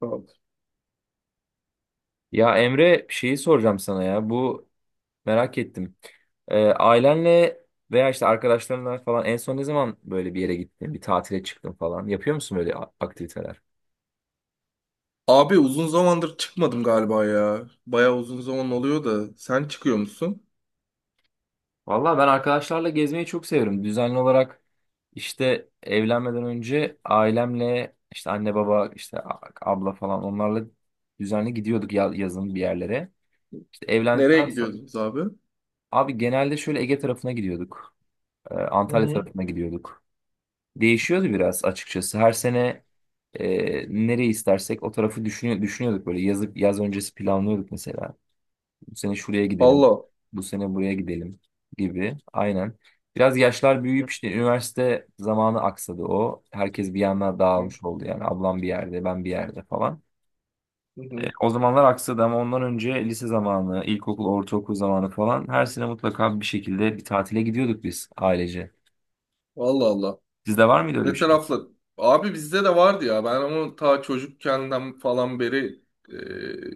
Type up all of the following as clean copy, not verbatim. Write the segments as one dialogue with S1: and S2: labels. S1: Tamam.
S2: Ya Emre şeyi soracağım sana ya. Bu merak ettim. Ailenle veya işte arkadaşlarınla falan en son ne zaman böyle bir yere gittin, bir tatile çıktın falan? Yapıyor musun böyle aktiviteler?
S1: Abi uzun zamandır çıkmadım galiba ya. Bayağı uzun zaman oluyor da. Sen çıkıyor musun?
S2: Valla ben arkadaşlarla gezmeyi çok severim. Düzenli olarak işte evlenmeden önce ailemle işte anne baba işte abla falan onlarla düzenli gidiyorduk yazın bir yerlere. İşte
S1: Nereye
S2: evlendikten sonra
S1: gidiyordunuz abi?
S2: abi genelde şöyle Ege tarafına gidiyorduk.
S1: Hı
S2: Antalya
S1: hı.
S2: tarafına gidiyorduk. Değişiyordu biraz açıkçası. Her sene nereyi istersek o tarafı düşünüyorduk böyle. Yazıp yaz öncesi planlıyorduk mesela. Bu sene şuraya gidelim.
S1: Allah.
S2: Bu sene buraya gidelim gibi. Aynen. Biraz yaşlar
S1: Hı
S2: büyüyüp işte üniversite zamanı aksadı o. Herkes bir yana
S1: hı,
S2: dağılmış oldu yani. Ablam bir yerde, ben bir yerde falan.
S1: hı hı.
S2: O zamanlar aksadı ama ondan önce lise zamanı, ilkokul, ortaokul zamanı falan her sene mutlaka bir şekilde bir tatile gidiyorduk biz ailece.
S1: Allah Allah.
S2: Sizde var mıydı öyle bir
S1: Ne
S2: şey?
S1: tarafla? Abi bizde de vardı ya. Ben ama ta çocukkenden falan beri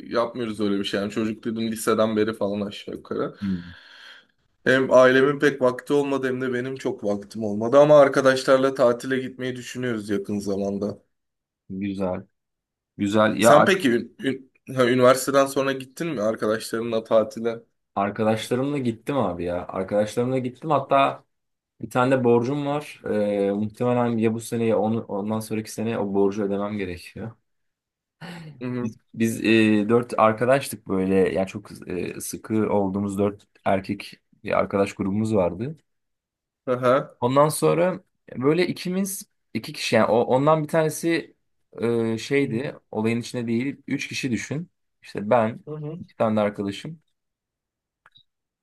S1: yapmıyoruz öyle bir şey. Yani çocuk dedim liseden beri falan aşağı yukarı.
S2: Hmm,
S1: Hem ailemin pek vakti olmadı hem de benim çok vaktim olmadı. Ama arkadaşlarla tatile gitmeyi düşünüyoruz yakın zamanda.
S2: güzel. Güzel.
S1: Sen peki üniversiteden sonra gittin mi arkadaşlarınla tatile?
S2: Arkadaşlarımla gittim abi ya. Arkadaşlarımla gittim. Hatta bir tane de borcum var. Muhtemelen ya bu sene ya onu, ondan sonraki sene o borcu ödemem gerekiyor.
S1: Hı hı.
S2: Biz dört arkadaştık böyle. Yani çok sıkı olduğumuz dört erkek bir arkadaş grubumuz vardı.
S1: Aha.
S2: Ondan sonra böyle ikimiz iki kişi yani ondan bir tanesi
S1: Hı hı.
S2: şeydi, olayın içinde değil. Üç kişi düşün. İşte ben
S1: Hı hı.
S2: iki tane de arkadaşım.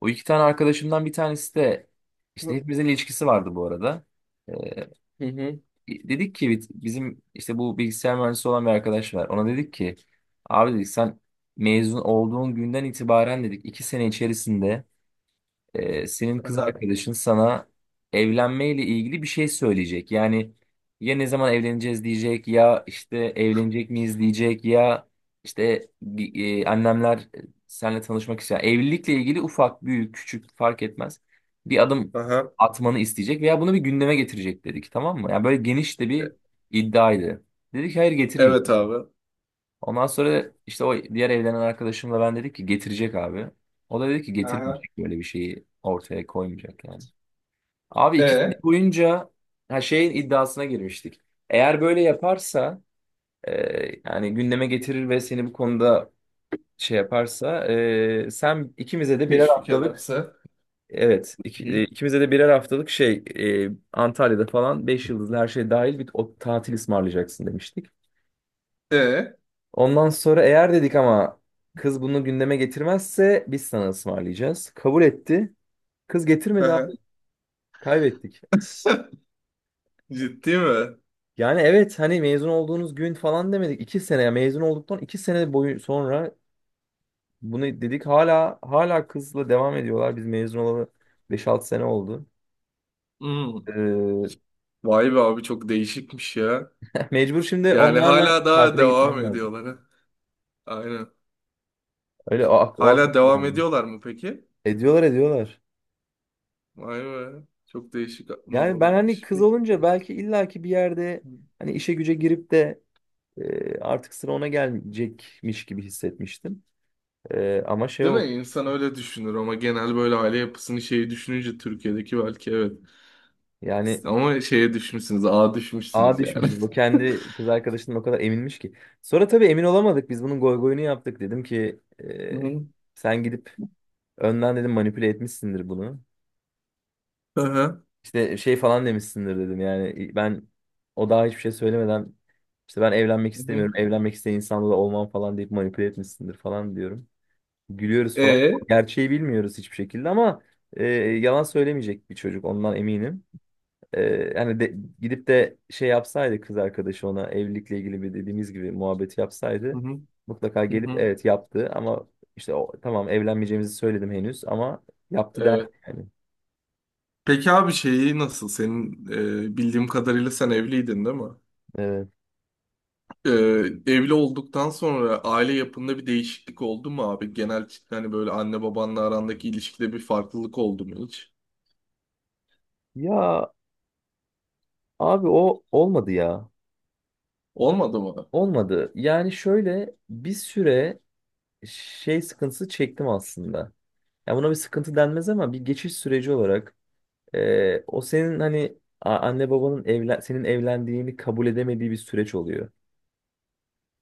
S2: O iki tane arkadaşımdan bir tanesi de işte hepimizin ilişkisi vardı bu arada. Ee,
S1: Hı hı.
S2: Dedik ki bizim işte bu bilgisayar mühendisi olan bir arkadaş var. Ona dedik ki abi dedik sen mezun olduğun günden itibaren dedik 2 sene içerisinde senin kız
S1: Aha.
S2: arkadaşın sana evlenmeyle ilgili bir şey söyleyecek. Yani ya ne zaman evleneceğiz diyecek, ya işte evlenecek miyiz diyecek, ya işte annemler seninle tanışmak istiyor. Evlilikle ilgili ufak, büyük, küçük fark etmez. Bir adım
S1: Aha.
S2: atmanı isteyecek veya bunu bir gündeme getirecek dedik, tamam mı? Yani böyle geniş de
S1: E,
S2: bir iddiaydı. Dedik hayır,
S1: evet
S2: getirmeyeceğiz.
S1: abi.
S2: Ondan sonra işte o diğer evlenen arkadaşımla ben dedik ki getirecek abi. O da dedi ki
S1: Aha.
S2: getirmeyecek, böyle bir şeyi ortaya koymayacak yani. Abi 2 sene
S1: E.
S2: boyunca her şeyin iddiasına girmiştik. Eğer böyle yaparsa e, yani gündeme getirir ve seni bu konuda şey yaparsa, sen ikimize de birer
S1: Teşvik
S2: haftalık,
S1: ederse.
S2: evet,
S1: Hı.
S2: ikimize de birer haftalık şey, Antalya'da falan 5 yıldızlı her şey dahil bir o tatil ısmarlayacaksın demiştik.
S1: E.
S2: Ondan sonra eğer dedik ama kız bunu gündeme getirmezse biz sana ısmarlayacağız. Kabul etti. Kız getirmedi abi.
S1: Aha.
S2: Kaybettik.
S1: Ciddi mi?
S2: Yani evet, hani mezun olduğunuz gün falan demedik. 2 sene ya, mezun olduktan 2 sene boyu sonra bunu dedik. Hala kızla devam ediyorlar. Biz mezun olalı beş altı sene oldu.
S1: Hmm.
S2: Ee,
S1: Vay be abi çok değişikmiş ya.
S2: Mecbur şimdi
S1: Yani
S2: onlarla
S1: hala daha
S2: tatile
S1: devam
S2: gitmem lazım.
S1: ediyorlar, ha. Aynen.
S2: Öyle o aklıma
S1: Hala devam
S2: geldi.
S1: ediyorlar mı peki?
S2: Ediyorlar ediyorlar.
S1: Vay be. Çok değişik
S2: Yani ben hani
S1: muhabbetmiş.
S2: kız
S1: Peki.
S2: olunca belki illaki bir yerde hani işe güce girip de artık sıra ona gelecekmiş gibi hissetmiştim. Ama şey,
S1: Değil mi?
S2: o
S1: İnsan öyle düşünür ama genel böyle aile yapısını şeyi düşününce Türkiye'deki belki evet.
S2: yani
S1: Ama şeye düşmüşsünüz, ağa
S2: ağa
S1: düşmüşsünüz yani.
S2: düşmüşüz. Bu kendi kız arkadaşından o kadar eminmiş ki. Sonra tabii emin olamadık. Biz bunun goy goyunu yaptık. Dedim ki
S1: Hı hı.
S2: sen gidip önden dedim manipüle etmişsindir bunu.
S1: Aha.
S2: İşte şey falan demişsindir dedim. Yani ben, o daha hiçbir şey söylemeden işte ben evlenmek
S1: Hı hı.
S2: istemiyorum, evlenmek isteyen insanla da olmam falan deyip manipüle etmişsindir falan diyorum. Gülüyoruz falan.
S1: E?
S2: Gerçeği bilmiyoruz hiçbir şekilde ama yalan söylemeyecek bir çocuk, ondan eminim. E, Yani gidip de şey yapsaydı, kız arkadaşı ona evlilikle ilgili bir dediğimiz gibi muhabbeti
S1: Hı
S2: yapsaydı
S1: hı.
S2: mutlaka
S1: Hı
S2: gelip
S1: hı.
S2: evet yaptı ama işte o, tamam evlenmeyeceğimizi söyledim henüz ama yaptı der
S1: Evet.
S2: yani.
S1: Peki abi şeyi nasıl? Senin bildiğim kadarıyla sen evliydin değil mi?
S2: Evet.
S1: E, Evli olduktan sonra aile yapında bir değişiklik oldu mu abi? Genel hani böyle anne babanla arandaki ilişkide bir farklılık oldu mu hiç?
S2: Ya abi, o olmadı ya.
S1: Olmadı mı?
S2: Olmadı. Yani şöyle bir süre şey sıkıntısı çektim aslında. Ya buna bir sıkıntı denmez ama bir geçiş süreci olarak, o senin hani anne babanın senin evlendiğini kabul edemediği bir süreç oluyor.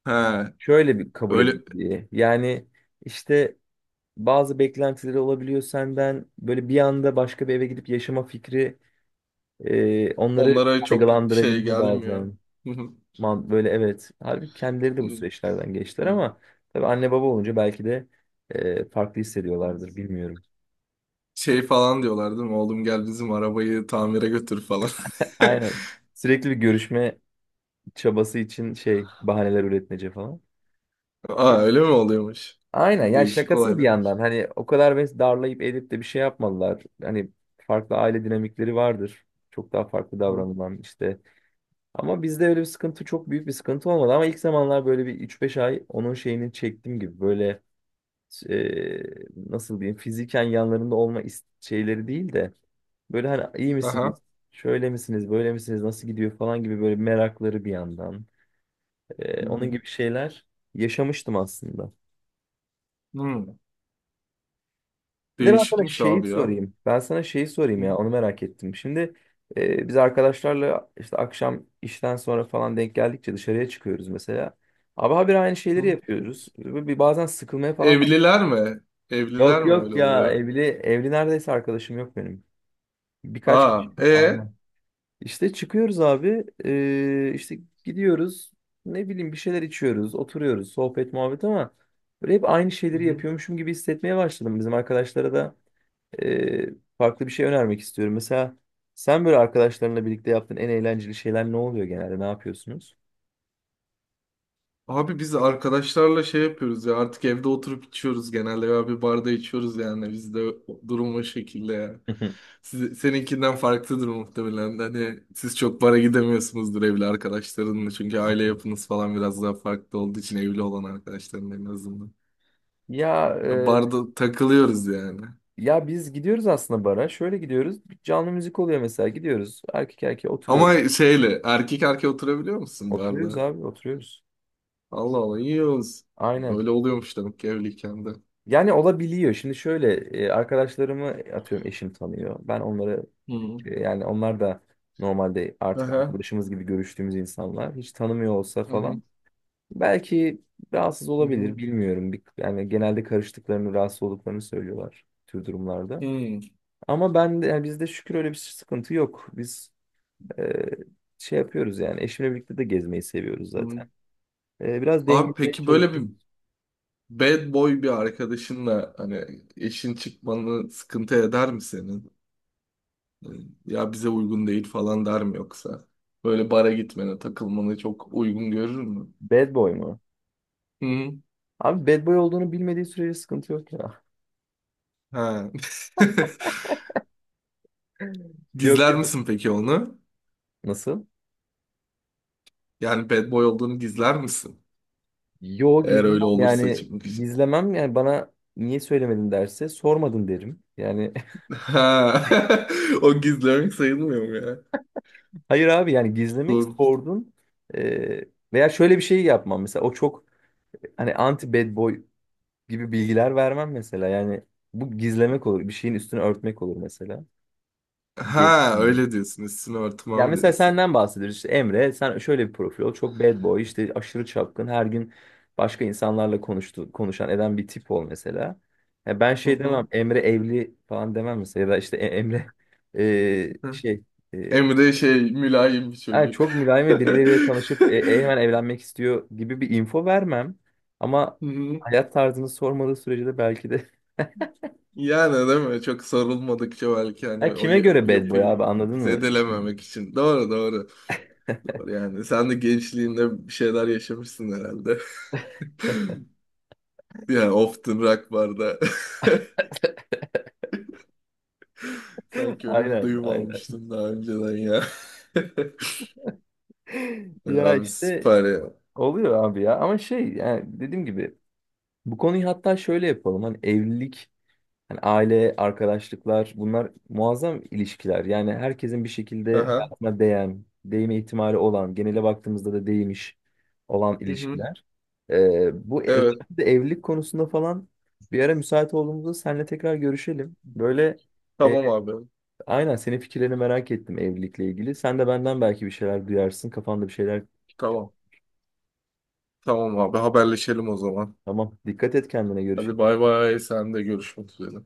S1: He,
S2: Şöyle bir kabul
S1: öyle.
S2: edildiği. Yani işte bazı beklentileri olabiliyor senden. Böyle bir anda başka bir eve gidip yaşama fikri onları
S1: Onlara çok şey
S2: kaygılandırabiliyor
S1: gelmiyor.
S2: bazen. Man, böyle evet. Halbuki kendileri de bu süreçlerden geçtiler ama tabii anne baba olunca belki de farklı hissediyorlardır, bilmiyorum.
S1: Şey falan diyorlar değil mi? Oğlum gel bizim arabayı tamire götür falan.
S2: Aynen. Sürekli bir görüşme çabası için şey bahaneler üretmece falan.
S1: Aa öyle mi oluyormuş?
S2: Aynen, yani
S1: Değişik
S2: şakasız bir yandan
S1: olaylarmış.
S2: hani o kadar ve darlayıp edip de bir şey yapmadılar. Hani farklı aile dinamikleri vardır. Çok daha farklı
S1: Hı.
S2: davranılan işte. Ama bizde öyle bir sıkıntı, çok büyük bir sıkıntı olmadı. Ama ilk zamanlar böyle bir üç beş ay onun şeyini çektiğim gibi böyle, e, nasıl diyeyim, fiziken yanlarında olma şeyleri değil de böyle hani iyi misiniz?
S1: Aha.
S2: Şöyle misiniz? Böyle misiniz? Nasıl gidiyor falan gibi böyle merakları bir yandan. Onun gibi şeyler yaşamıştım aslında.
S1: Hmm.
S2: Bir de ben sana
S1: Değişikmiş
S2: şeyi
S1: abi ya.
S2: sorayım. Ben sana şeyi sorayım
S1: Hı
S2: ya, onu merak ettim. Şimdi biz arkadaşlarla işte akşam işten sonra falan denk geldikçe dışarıya çıkıyoruz mesela. Abi, habire aynı şeyleri
S1: hı.
S2: yapıyoruz. Ve bir bazen sıkılmaya falan.
S1: Evliler mi? Evliler
S2: Yok
S1: mi
S2: yok
S1: öyle
S2: ya,
S1: oluyor?
S2: evli evli neredeyse arkadaşım yok benim. Birkaç kişi.
S1: Aa, e?
S2: Aynen. İşte çıkıyoruz abi. İşte gidiyoruz. Ne bileyim, bir şeyler içiyoruz, oturuyoruz, sohbet muhabbet, ama böyle hep aynı
S1: Hı
S2: şeyleri
S1: hı.
S2: yapıyormuşum gibi hissetmeye başladım. Bizim arkadaşlara da e, farklı bir şey önermek istiyorum. Mesela sen böyle arkadaşlarınla birlikte yaptığın en eğlenceli şeyler ne oluyor genelde? Ne yapıyorsunuz?
S1: Abi biz arkadaşlarla şey yapıyoruz ya, artık evde oturup içiyoruz genelde ya bir barda içiyoruz yani bizde durum o şekilde ya. Seninkinden farklıdır muhtemelen. Hani siz çok bara gidemiyorsunuzdur evli arkadaşlarınla çünkü aile yapınız falan biraz daha farklı olduğu için evli olan arkadaşların en azından.
S2: Ya
S1: Ya
S2: e,
S1: barda takılıyoruz yani.
S2: ya biz gidiyoruz aslında bara. Şöyle gidiyoruz. Bir canlı müzik oluyor mesela. Gidiyoruz. Erkek erkeğe oturuyoruz.
S1: Ama şeyle erkek erkeğe oturabiliyor musun
S2: Oturuyoruz
S1: barda?
S2: abi, oturuyoruz.
S1: Allah Allah, iyi olsun.
S2: Aynen.
S1: Öyle oluyormuş demek ki evliyken de.
S2: Yani olabiliyor. Şimdi şöyle arkadaşlarımı atıyorum eşim tanıyor. Ben onları
S1: Hı.
S2: yani onlar da normalde artık
S1: Aha.
S2: arkadaşımız gibi görüştüğümüz insanlar. Hiç tanımıyor olsa
S1: Hı hı.
S2: falan. Belki rahatsız
S1: Hı
S2: olabilir,
S1: hı.
S2: bilmiyorum. Bir, yani genelde karıştıklarını, rahatsız olduklarını söylüyorlar tür durumlarda.
S1: Hı.
S2: Ama ben de, yani bizde şükür öyle bir sıkıntı yok. Biz e, şey yapıyoruz yani, eşimle birlikte de gezmeyi seviyoruz
S1: Hı.
S2: zaten. Biraz
S1: Abi
S2: dengelemeye
S1: peki böyle bir
S2: çalışıyoruz.
S1: bad boy bir arkadaşınla hani eşin çıkmanı sıkıntı eder mi senin? Ee, Ya bize uygun değil falan der mi yoksa? Böyle bara gitmene, takılmanı çok uygun görür mü?
S2: Bad boy mu?
S1: Hı hı.
S2: Abi, bad boy olduğunu bilmediği sürece sıkıntı yok ya.
S1: Ha.
S2: Yok
S1: Gizler
S2: yok.
S1: misin peki onu?
S2: Nasıl?
S1: Yani bad boy olduğunu gizler misin?
S2: Yo
S1: Eğer öyle
S2: gizlemem,
S1: olursa
S2: yani
S1: çıkmak için.
S2: gizlemem yani, bana niye söylemedin derse sormadın derim. Yani
S1: Ha. O gizlemek sayılmıyor mu ya?
S2: hayır abi, yani gizlemek
S1: Doğru.
S2: sordun. Ee, Veya şöyle bir şey yapmam mesela, o çok hani anti bad boy gibi bilgiler vermem mesela. Yani bu gizlemek olur, bir şeyin üstünü örtmek olur mesela diye
S1: Ha
S2: düşünüyorum.
S1: öyle diyorsun. Üstünü
S2: Yani
S1: örtmem
S2: mesela
S1: diyorsun.
S2: senden bahsediyoruz işte, Emre sen şöyle bir profil ol, çok bad boy, işte aşırı çapkın, her gün başka insanlarla konuşan eden bir tip ol mesela. Ya ben
S1: Hı
S2: şey
S1: hı.
S2: demem, Emre evli falan demem mesela, ya da işte Emre şey, e,
S1: Emre şey mülayim bir
S2: yani
S1: çocuk.
S2: çok mülayim ve birileriyle tanışıp hemen evlenmek istiyor gibi bir info vermem. Ama
S1: Hı hı.
S2: hayat tarzını sormadığı sürece de belki de.
S1: Yani değil mi? Çok sarılmadıkça belki hani
S2: Ya kime göre bad boy abi,
S1: yapıyı
S2: anladın mı? Şimdi.
S1: zedelememek için. Doğru doğru. Doğru yani. Sen de gençliğinde bir şeyler yaşamışsın herhalde. Yani Often Rock barda. Sanki öyle bir
S2: Aynen
S1: duyum
S2: aynen.
S1: almıştım daha önceden ya. Ya
S2: Ya
S1: abi
S2: işte
S1: süper ya.
S2: oluyor abi ya. Ama şey yani dediğim gibi, bu konuyu hatta şöyle yapalım. Hani evlilik, hani aile, arkadaşlıklar, bunlar muazzam ilişkiler. Yani herkesin bir şekilde
S1: Aha.
S2: hayatına değen, değme ihtimali olan, genele baktığımızda da değmiş olan
S1: Hı hı.
S2: ilişkiler. Bu,
S1: Evet.
S2: özellikle evlilik konusunda falan, bir ara müsait olduğumuzda seninle tekrar görüşelim. Böyle e,
S1: Tamam abi.
S2: aynen, senin fikirlerini merak ettim evlilikle ilgili. Sen de benden belki bir şeyler duyarsın. Kafanda bir şeyler.
S1: Tamam. Tamam abi. Haberleşelim o zaman.
S2: Tamam. Dikkat et kendine.
S1: Hadi
S2: Görüşürüz.
S1: bay bay. Sen de görüşmek üzere.